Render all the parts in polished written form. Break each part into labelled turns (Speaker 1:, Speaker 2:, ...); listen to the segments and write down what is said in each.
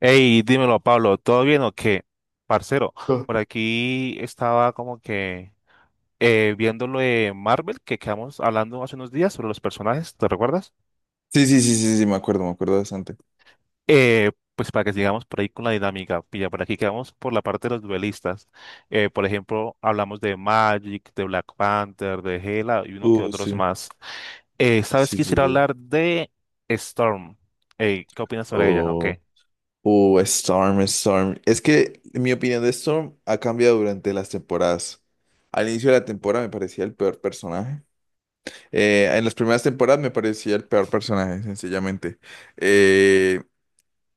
Speaker 1: Hey, dímelo, Pablo, ¿todo bien o qué? Parcero,
Speaker 2: Oh,
Speaker 1: por aquí estaba como que viendo lo de Marvel que quedamos hablando hace unos días sobre los personajes, ¿te recuerdas?
Speaker 2: sí, sí, sí, sí, sí, me acuerdo bastante.
Speaker 1: Pues para que sigamos por ahí con la dinámica, pilla, por aquí quedamos por la parte de los duelistas. Por ejemplo, hablamos de Magic, de Black Panther, de Hela y uno que otros
Speaker 2: Sí,
Speaker 1: más. ¿Sabes?
Speaker 2: sí, sí,
Speaker 1: Quisiera
Speaker 2: sí.
Speaker 1: hablar de Storm. Ey, ¿qué opinas sobre ella? Ok.
Speaker 2: Oh, Storm, Storm. Es que mi opinión de Storm ha cambiado durante las temporadas. Al inicio de la temporada me parecía el peor personaje. En las primeras temporadas me parecía el peor personaje, sencillamente. Eh,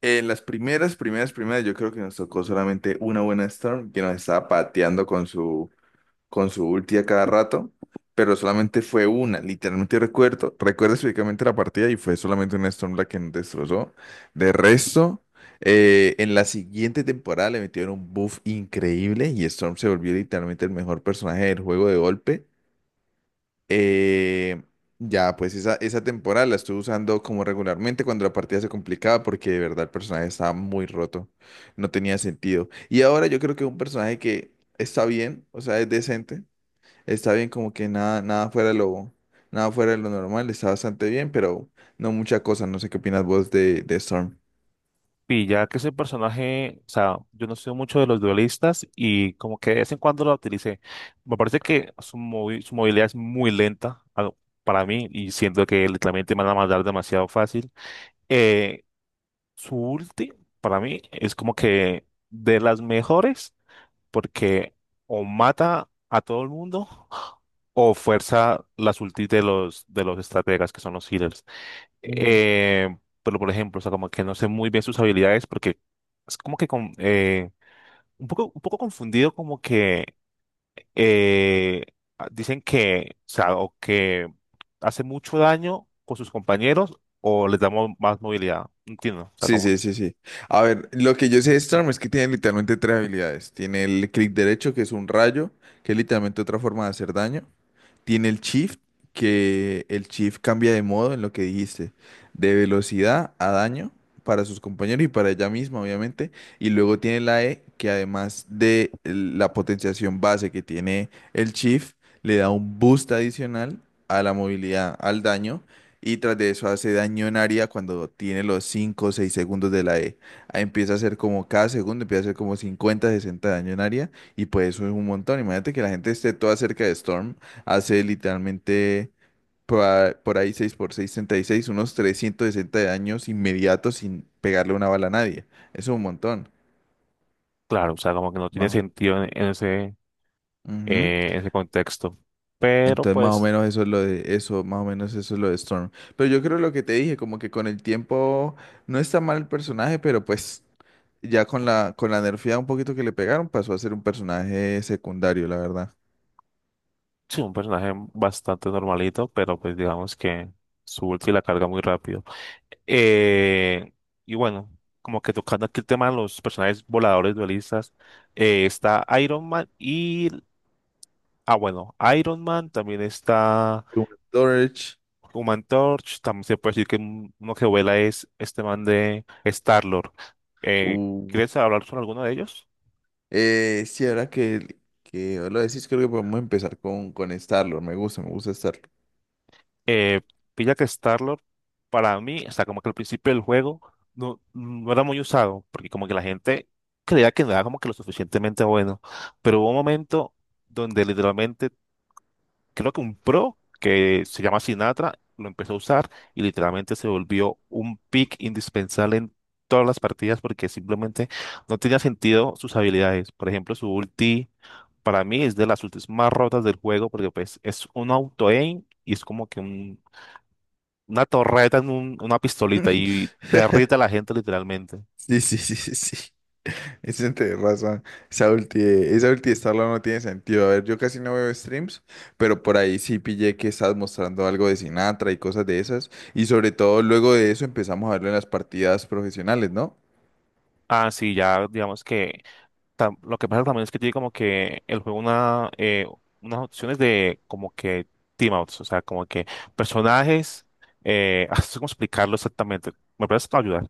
Speaker 2: en las primeras, primeras, primeras, yo creo que nos tocó solamente una buena Storm que nos estaba pateando con su ulti a cada rato, pero solamente fue una, literalmente recuerdo, recuerdo específicamente la partida y fue solamente una Storm la que nos destrozó. De resto, en la siguiente temporada le metieron un buff increíble y Storm se volvió literalmente el mejor personaje del juego de golpe. Eh, ya, pues esa temporada la estuve usando como regularmente cuando la partida se complicaba porque de verdad el personaje estaba muy roto, no tenía sentido. Y ahora yo creo que es un personaje que está bien, o sea, es decente. Está bien, como que nada, nada fuera de lo normal, está bastante bien, pero no mucha cosa. No sé qué opinas vos de Storm.
Speaker 1: Y ya que ese personaje, o sea, yo no soy mucho de los duelistas y como que de vez en cuando lo utilicé. Me parece que su, su movilidad es muy lenta para mí y siento que literalmente me van a matar demasiado fácil. Eh, su ulti, para mí, es como que de las mejores porque o mata a todo el mundo o fuerza las ultis de los estrategas que son los healers.
Speaker 2: Mm.
Speaker 1: Eh, pero por ejemplo, o sea, como que no sé muy bien sus habilidades porque es como que con, un poco confundido como que eh, dicen que, o sea, o que hace mucho daño con sus compañeros o les damos más movilidad. No entiendo, o sea,
Speaker 2: Sí,
Speaker 1: como,
Speaker 2: sí, sí, sí. A ver, lo que yo sé de Storm es que tiene literalmente tres habilidades. Tiene el clic derecho, que es un rayo, que es literalmente otra forma de hacer daño. Tiene el shift, que el shift cambia de modo en lo que dijiste, de velocidad a daño para sus compañeros y para ella misma, obviamente. Y luego tiene la E, que además de la potenciación base que tiene el shift, le da un boost adicional a la movilidad, al daño. Y tras de eso hace daño en área cuando tiene los 5 o 6 segundos de la E. Ahí empieza a hacer como cada segundo, empieza a hacer como 50 60 daño en área. Y pues eso es un montón. Imagínate que la gente esté toda cerca de Storm. Hace literalmente por ahí 6x6, 36, unos 360 daños inmediatos sin pegarle una bala a nadie. Eso es un montón.
Speaker 1: claro, o sea, como que no tiene
Speaker 2: Wow.
Speaker 1: sentido en,
Speaker 2: Ujú.
Speaker 1: en ese contexto. Pero
Speaker 2: Entonces más o
Speaker 1: pues,
Speaker 2: menos eso es lo de eso, más o menos eso es lo de Storm. Pero yo creo lo que te dije, como que con el tiempo no está mal el personaje, pero pues ya con la nerfeada un poquito que le pegaron pasó a ser un personaje secundario, la verdad.
Speaker 1: sí, un personaje bastante normalito, pero pues digamos que su ulti la carga muy rápido. Eh, y bueno, como que tocando aquí el tema de los personajes voladores dualistas, está Iron Man y, ah, bueno, Iron Man, también está
Speaker 2: Hubo Storage.
Speaker 1: Human Torch, también se puede decir que uno que vuela es este man de Star-Lord. ¿Quieres hablar sobre alguno de ellos?
Speaker 2: Sí, ahora que lo decís, creo que podemos empezar con Starlord. Me gusta Starlord.
Speaker 1: eh, pilla que Starlord, para mí, o sea, como que al principio del juego no, no era muy usado, porque como que la gente creía que no era como que lo suficientemente bueno, pero hubo un momento donde literalmente, creo que un pro que se llama Sinatra lo empezó a usar y literalmente se volvió un pick indispensable en todas las partidas porque simplemente no tenía sentido sus habilidades. Por ejemplo, su ulti. Para mí es de las ultis más rotas del juego porque pues es un auto-aim y es como que un una torreta en un- una pistolita y derrite a la gente literalmente.
Speaker 2: Sí, sí, sí, sí, sí. Eso tenés razón. Esa ulti, esa ulti de Starlord no tiene sentido. A ver, yo casi no veo streams, pero por ahí sí pillé que estás mostrando algo de Sinatra y cosas de esas. Y sobre todo luego de eso empezamos a verlo en las partidas profesionales, ¿no?
Speaker 1: Ah, sí, ya digamos que lo que pasa también es que tiene como que el juego unas opciones de como que team outs, o sea, como que personajes, no sé cómo explicarlo exactamente. ¿Me puedes ayudar?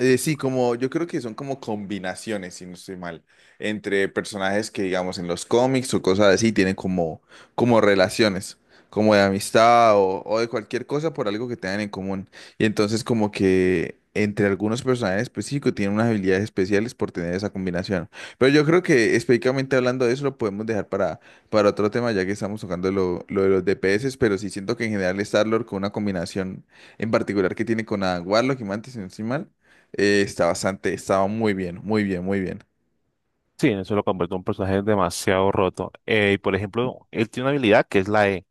Speaker 2: Sí, como yo creo que son como combinaciones, si no estoy mal, entre personajes que digamos en los cómics o cosas así tienen como relaciones, como de amistad o de cualquier cosa por algo que tengan en común. Y entonces como que entre algunos personajes específicos tienen unas habilidades especiales por tener esa combinación. Pero yo creo que específicamente hablando de eso lo podemos dejar para otro tema ya que estamos tocando lo de los DPS, pero sí siento que en general Star-Lord con una combinación en particular que tiene con Adam Warlock y Mantis, si no estoy mal, está bastante, estaba muy bien, muy bien, muy bien.
Speaker 1: Sí, eso lo convierte en un personaje demasiado roto. Y por ejemplo, él tiene una habilidad que es la E.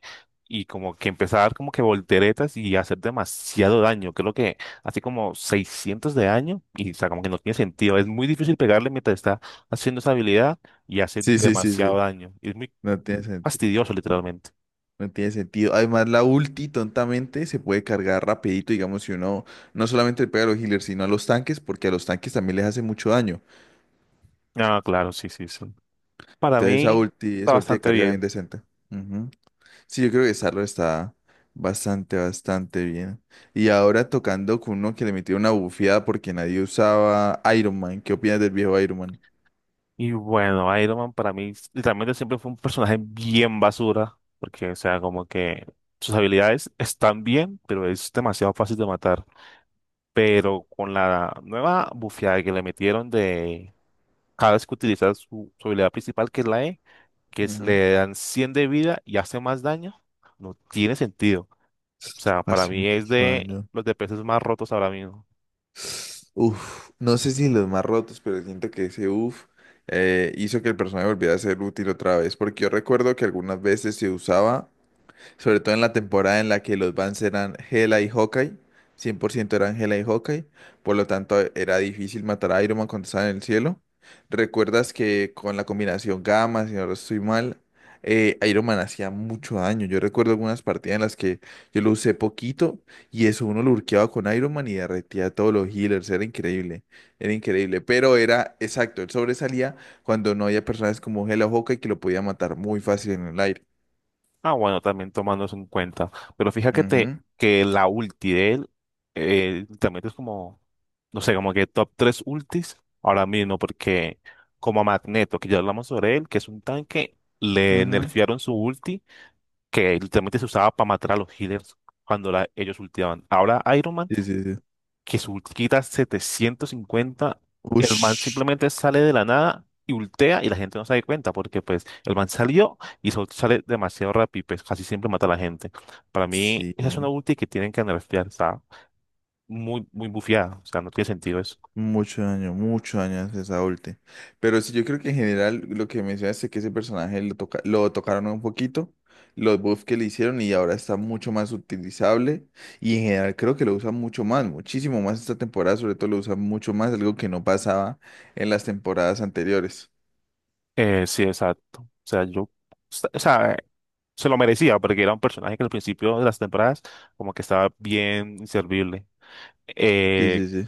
Speaker 1: Y como que empieza a dar como que volteretas y hacer demasiado daño. Creo que hace como 600 de daño y o sea, como que no tiene sentido. Es muy difícil pegarle mientras está haciendo esa habilidad y hace
Speaker 2: Sí, sí, sí,
Speaker 1: demasiado
Speaker 2: sí.
Speaker 1: daño. Y es muy
Speaker 2: No tiene
Speaker 1: muy
Speaker 2: sentido.
Speaker 1: fastidioso, literalmente.
Speaker 2: No tiene sentido. Además, la ulti tontamente se puede cargar rapidito, digamos, si uno no solamente le pega a los healers, sino a los tanques, porque a los tanques también les hace mucho daño.
Speaker 1: Ah, claro, sí, sí, sí. Para
Speaker 2: Entonces,
Speaker 1: mí está
Speaker 2: esa ulti de
Speaker 1: bastante
Speaker 2: carga bien
Speaker 1: bien.
Speaker 2: decente. Ujú. Sí, yo creo que Sarlo está bastante, bastante bien. Y ahora tocando con uno que le metió una bufiada porque nadie usaba Iron Man. ¿Qué opinas del viejo Iron Man?
Speaker 1: Y bueno, Iron Man para mí literalmente siempre fue un personaje bien basura, porque, o sea, como que sus habilidades están bien, pero es demasiado fácil de matar. Pero con la nueva bufeada que le metieron de cada vez que utiliza su, su habilidad principal, que es la E, que es,
Speaker 2: Ujú.
Speaker 1: le dan 100 de vida y hace más daño, no tiene sentido. O sea, para
Speaker 2: Hace
Speaker 1: mí es
Speaker 2: mucho
Speaker 1: de
Speaker 2: daño.
Speaker 1: los DPS más rotos ahora mismo.
Speaker 2: Uf, no sé si los más rotos, pero siento que ese uf hizo que el personaje volviera a ser útil otra vez, porque yo recuerdo que algunas veces se usaba sobre todo en la temporada en la que los Vans eran Hela y Hawkeye, 100% eran Hela y Hawkeye, por lo tanto era difícil matar a Iron Man cuando estaba en el cielo. ¿Recuerdas que con la combinación gamma, si no estoy mal, Iron Man hacía mucho daño? Yo recuerdo algunas partidas en las que yo lo usé poquito y eso uno lo lurkeaba con Iron Man y derretía a todos los healers, era increíble, pero era exacto, él sobresalía cuando no había personas como Hela o Hawkeye que lo podía matar muy fácil en el aire.
Speaker 1: Ah, bueno, también tomando eso en cuenta. Pero fíjate
Speaker 2: Ujú,
Speaker 1: que la ulti de él también es como, no sé, como que top 3 ultis ahora mismo, porque como a Magneto, que ya hablamos sobre él, que es un tanque, le
Speaker 2: ujú.
Speaker 1: nerfearon su ulti, que literalmente se usaba para matar a los healers cuando ellos ultiaban. Ahora Iron Man
Speaker 2: Sí, sí, sí.
Speaker 1: que su ulti 750, el man
Speaker 2: Ush.
Speaker 1: simplemente sale de la nada y ultea y la gente no se da cuenta porque pues el man salió y su sale demasiado rápido y pues casi siempre mata a la gente. Para mí
Speaker 2: Sí,
Speaker 1: esa es una
Speaker 2: güey.
Speaker 1: ulti que tienen que nerfear, está muy, muy bufeada, o sea, no tiene sentido eso.
Speaker 2: Mucho daño, mucho daño hace esa ulti. Pero sí, yo creo que en general lo que mencionaste es que ese personaje toca lo tocaron un poquito, los buffs que le hicieron y ahora está mucho más utilizable. Y en general creo que lo usan mucho más, muchísimo más esta temporada, sobre todo lo usan mucho más, algo que no pasaba en las temporadas anteriores.
Speaker 1: Sí, exacto. O sea, yo, o sea, se lo merecía porque era un personaje que al principio de las temporadas como que estaba bien inservible.
Speaker 2: Sí,
Speaker 1: Eh,
Speaker 2: sí, sí.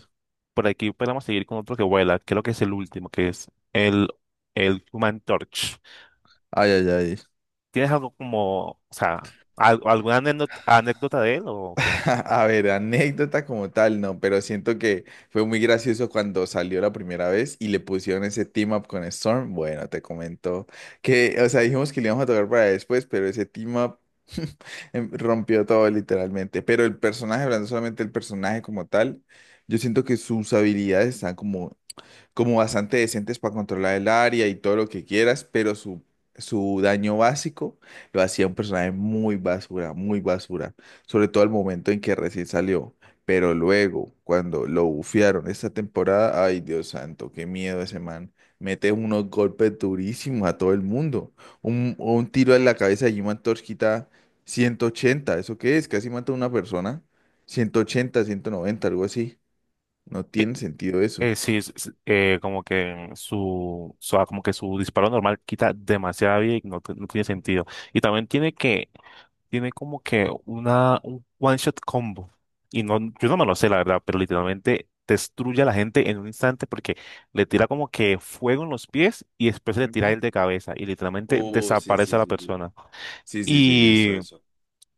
Speaker 1: Por aquí podemos seguir con otro que vuela. Creo que es el último, que es el Human Torch.
Speaker 2: Ay, ay, ay.
Speaker 1: ¿Tienes algo como, o sea, alguna anécdota de él o qué?
Speaker 2: A ver, anécdota como tal, no, pero siento que fue muy gracioso cuando salió la primera vez y le pusieron ese team up con Storm. Bueno, te comento que, o sea, dijimos que le íbamos a tocar para después, pero ese team up rompió todo literalmente. Pero el personaje, hablando solamente del personaje como tal, yo siento que sus habilidades están como bastante decentes para controlar el área y todo lo que quieras, pero su daño básico lo hacía un personaje muy basura, sobre todo al momento en que recién salió. Pero luego, cuando lo bufearon esta temporada, ay Dios santo, qué miedo ese man. Mete unos golpes durísimos a todo el mundo. Un tiro en la cabeza de Human Torch quita 180. ¿Eso qué es? Casi mata a una persona. 180, 190, algo así. No
Speaker 1: Eh,
Speaker 2: tiene sentido eso.
Speaker 1: sí, como que su- ah, como que su disparo normal quita demasiada vida y no, no tiene sentido. Y también tiene que tiene como que una, un one shot combo. Y no, yo no me lo sé, la verdad, pero literalmente destruye a la gente en un instante porque le tira como que fuego en los pies y después le tira
Speaker 2: Ujú.
Speaker 1: el de cabeza y literalmente
Speaker 2: Oh, sí,
Speaker 1: desaparece
Speaker 2: sí,
Speaker 1: a la
Speaker 2: sí, sí.
Speaker 1: persona.
Speaker 2: Sí, sí, sí, yo hice
Speaker 1: Y,
Speaker 2: eso.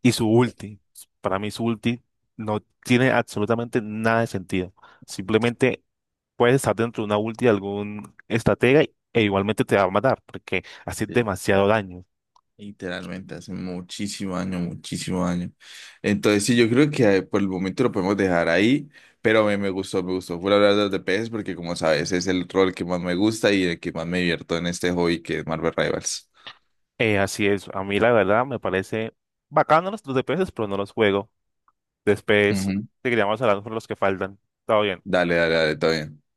Speaker 1: y su ulti, para mí su ulti no tiene absolutamente nada de sentido. Simplemente puedes estar dentro de una ulti de algún estratega e igualmente te va a matar porque hace
Speaker 2: Sí,
Speaker 1: demasiado daño.
Speaker 2: literalmente, hace muchísimo año muchísimo año. Entonces, sí, yo creo que por el momento lo podemos dejar ahí, pero me gustó, me gustó. Fue hablar de los de peces porque, como sabes, es el rol que más me gusta y el que más me divierto en este hobby que es Marvel Rivals.
Speaker 1: Así es, a mí la verdad me parece bacano los DPS, pero no los juego. Después
Speaker 2: Ujú.
Speaker 1: te seguiríamos hablando por los que faltan. Todo bien.
Speaker 2: Dale, dale, dale, todo bien.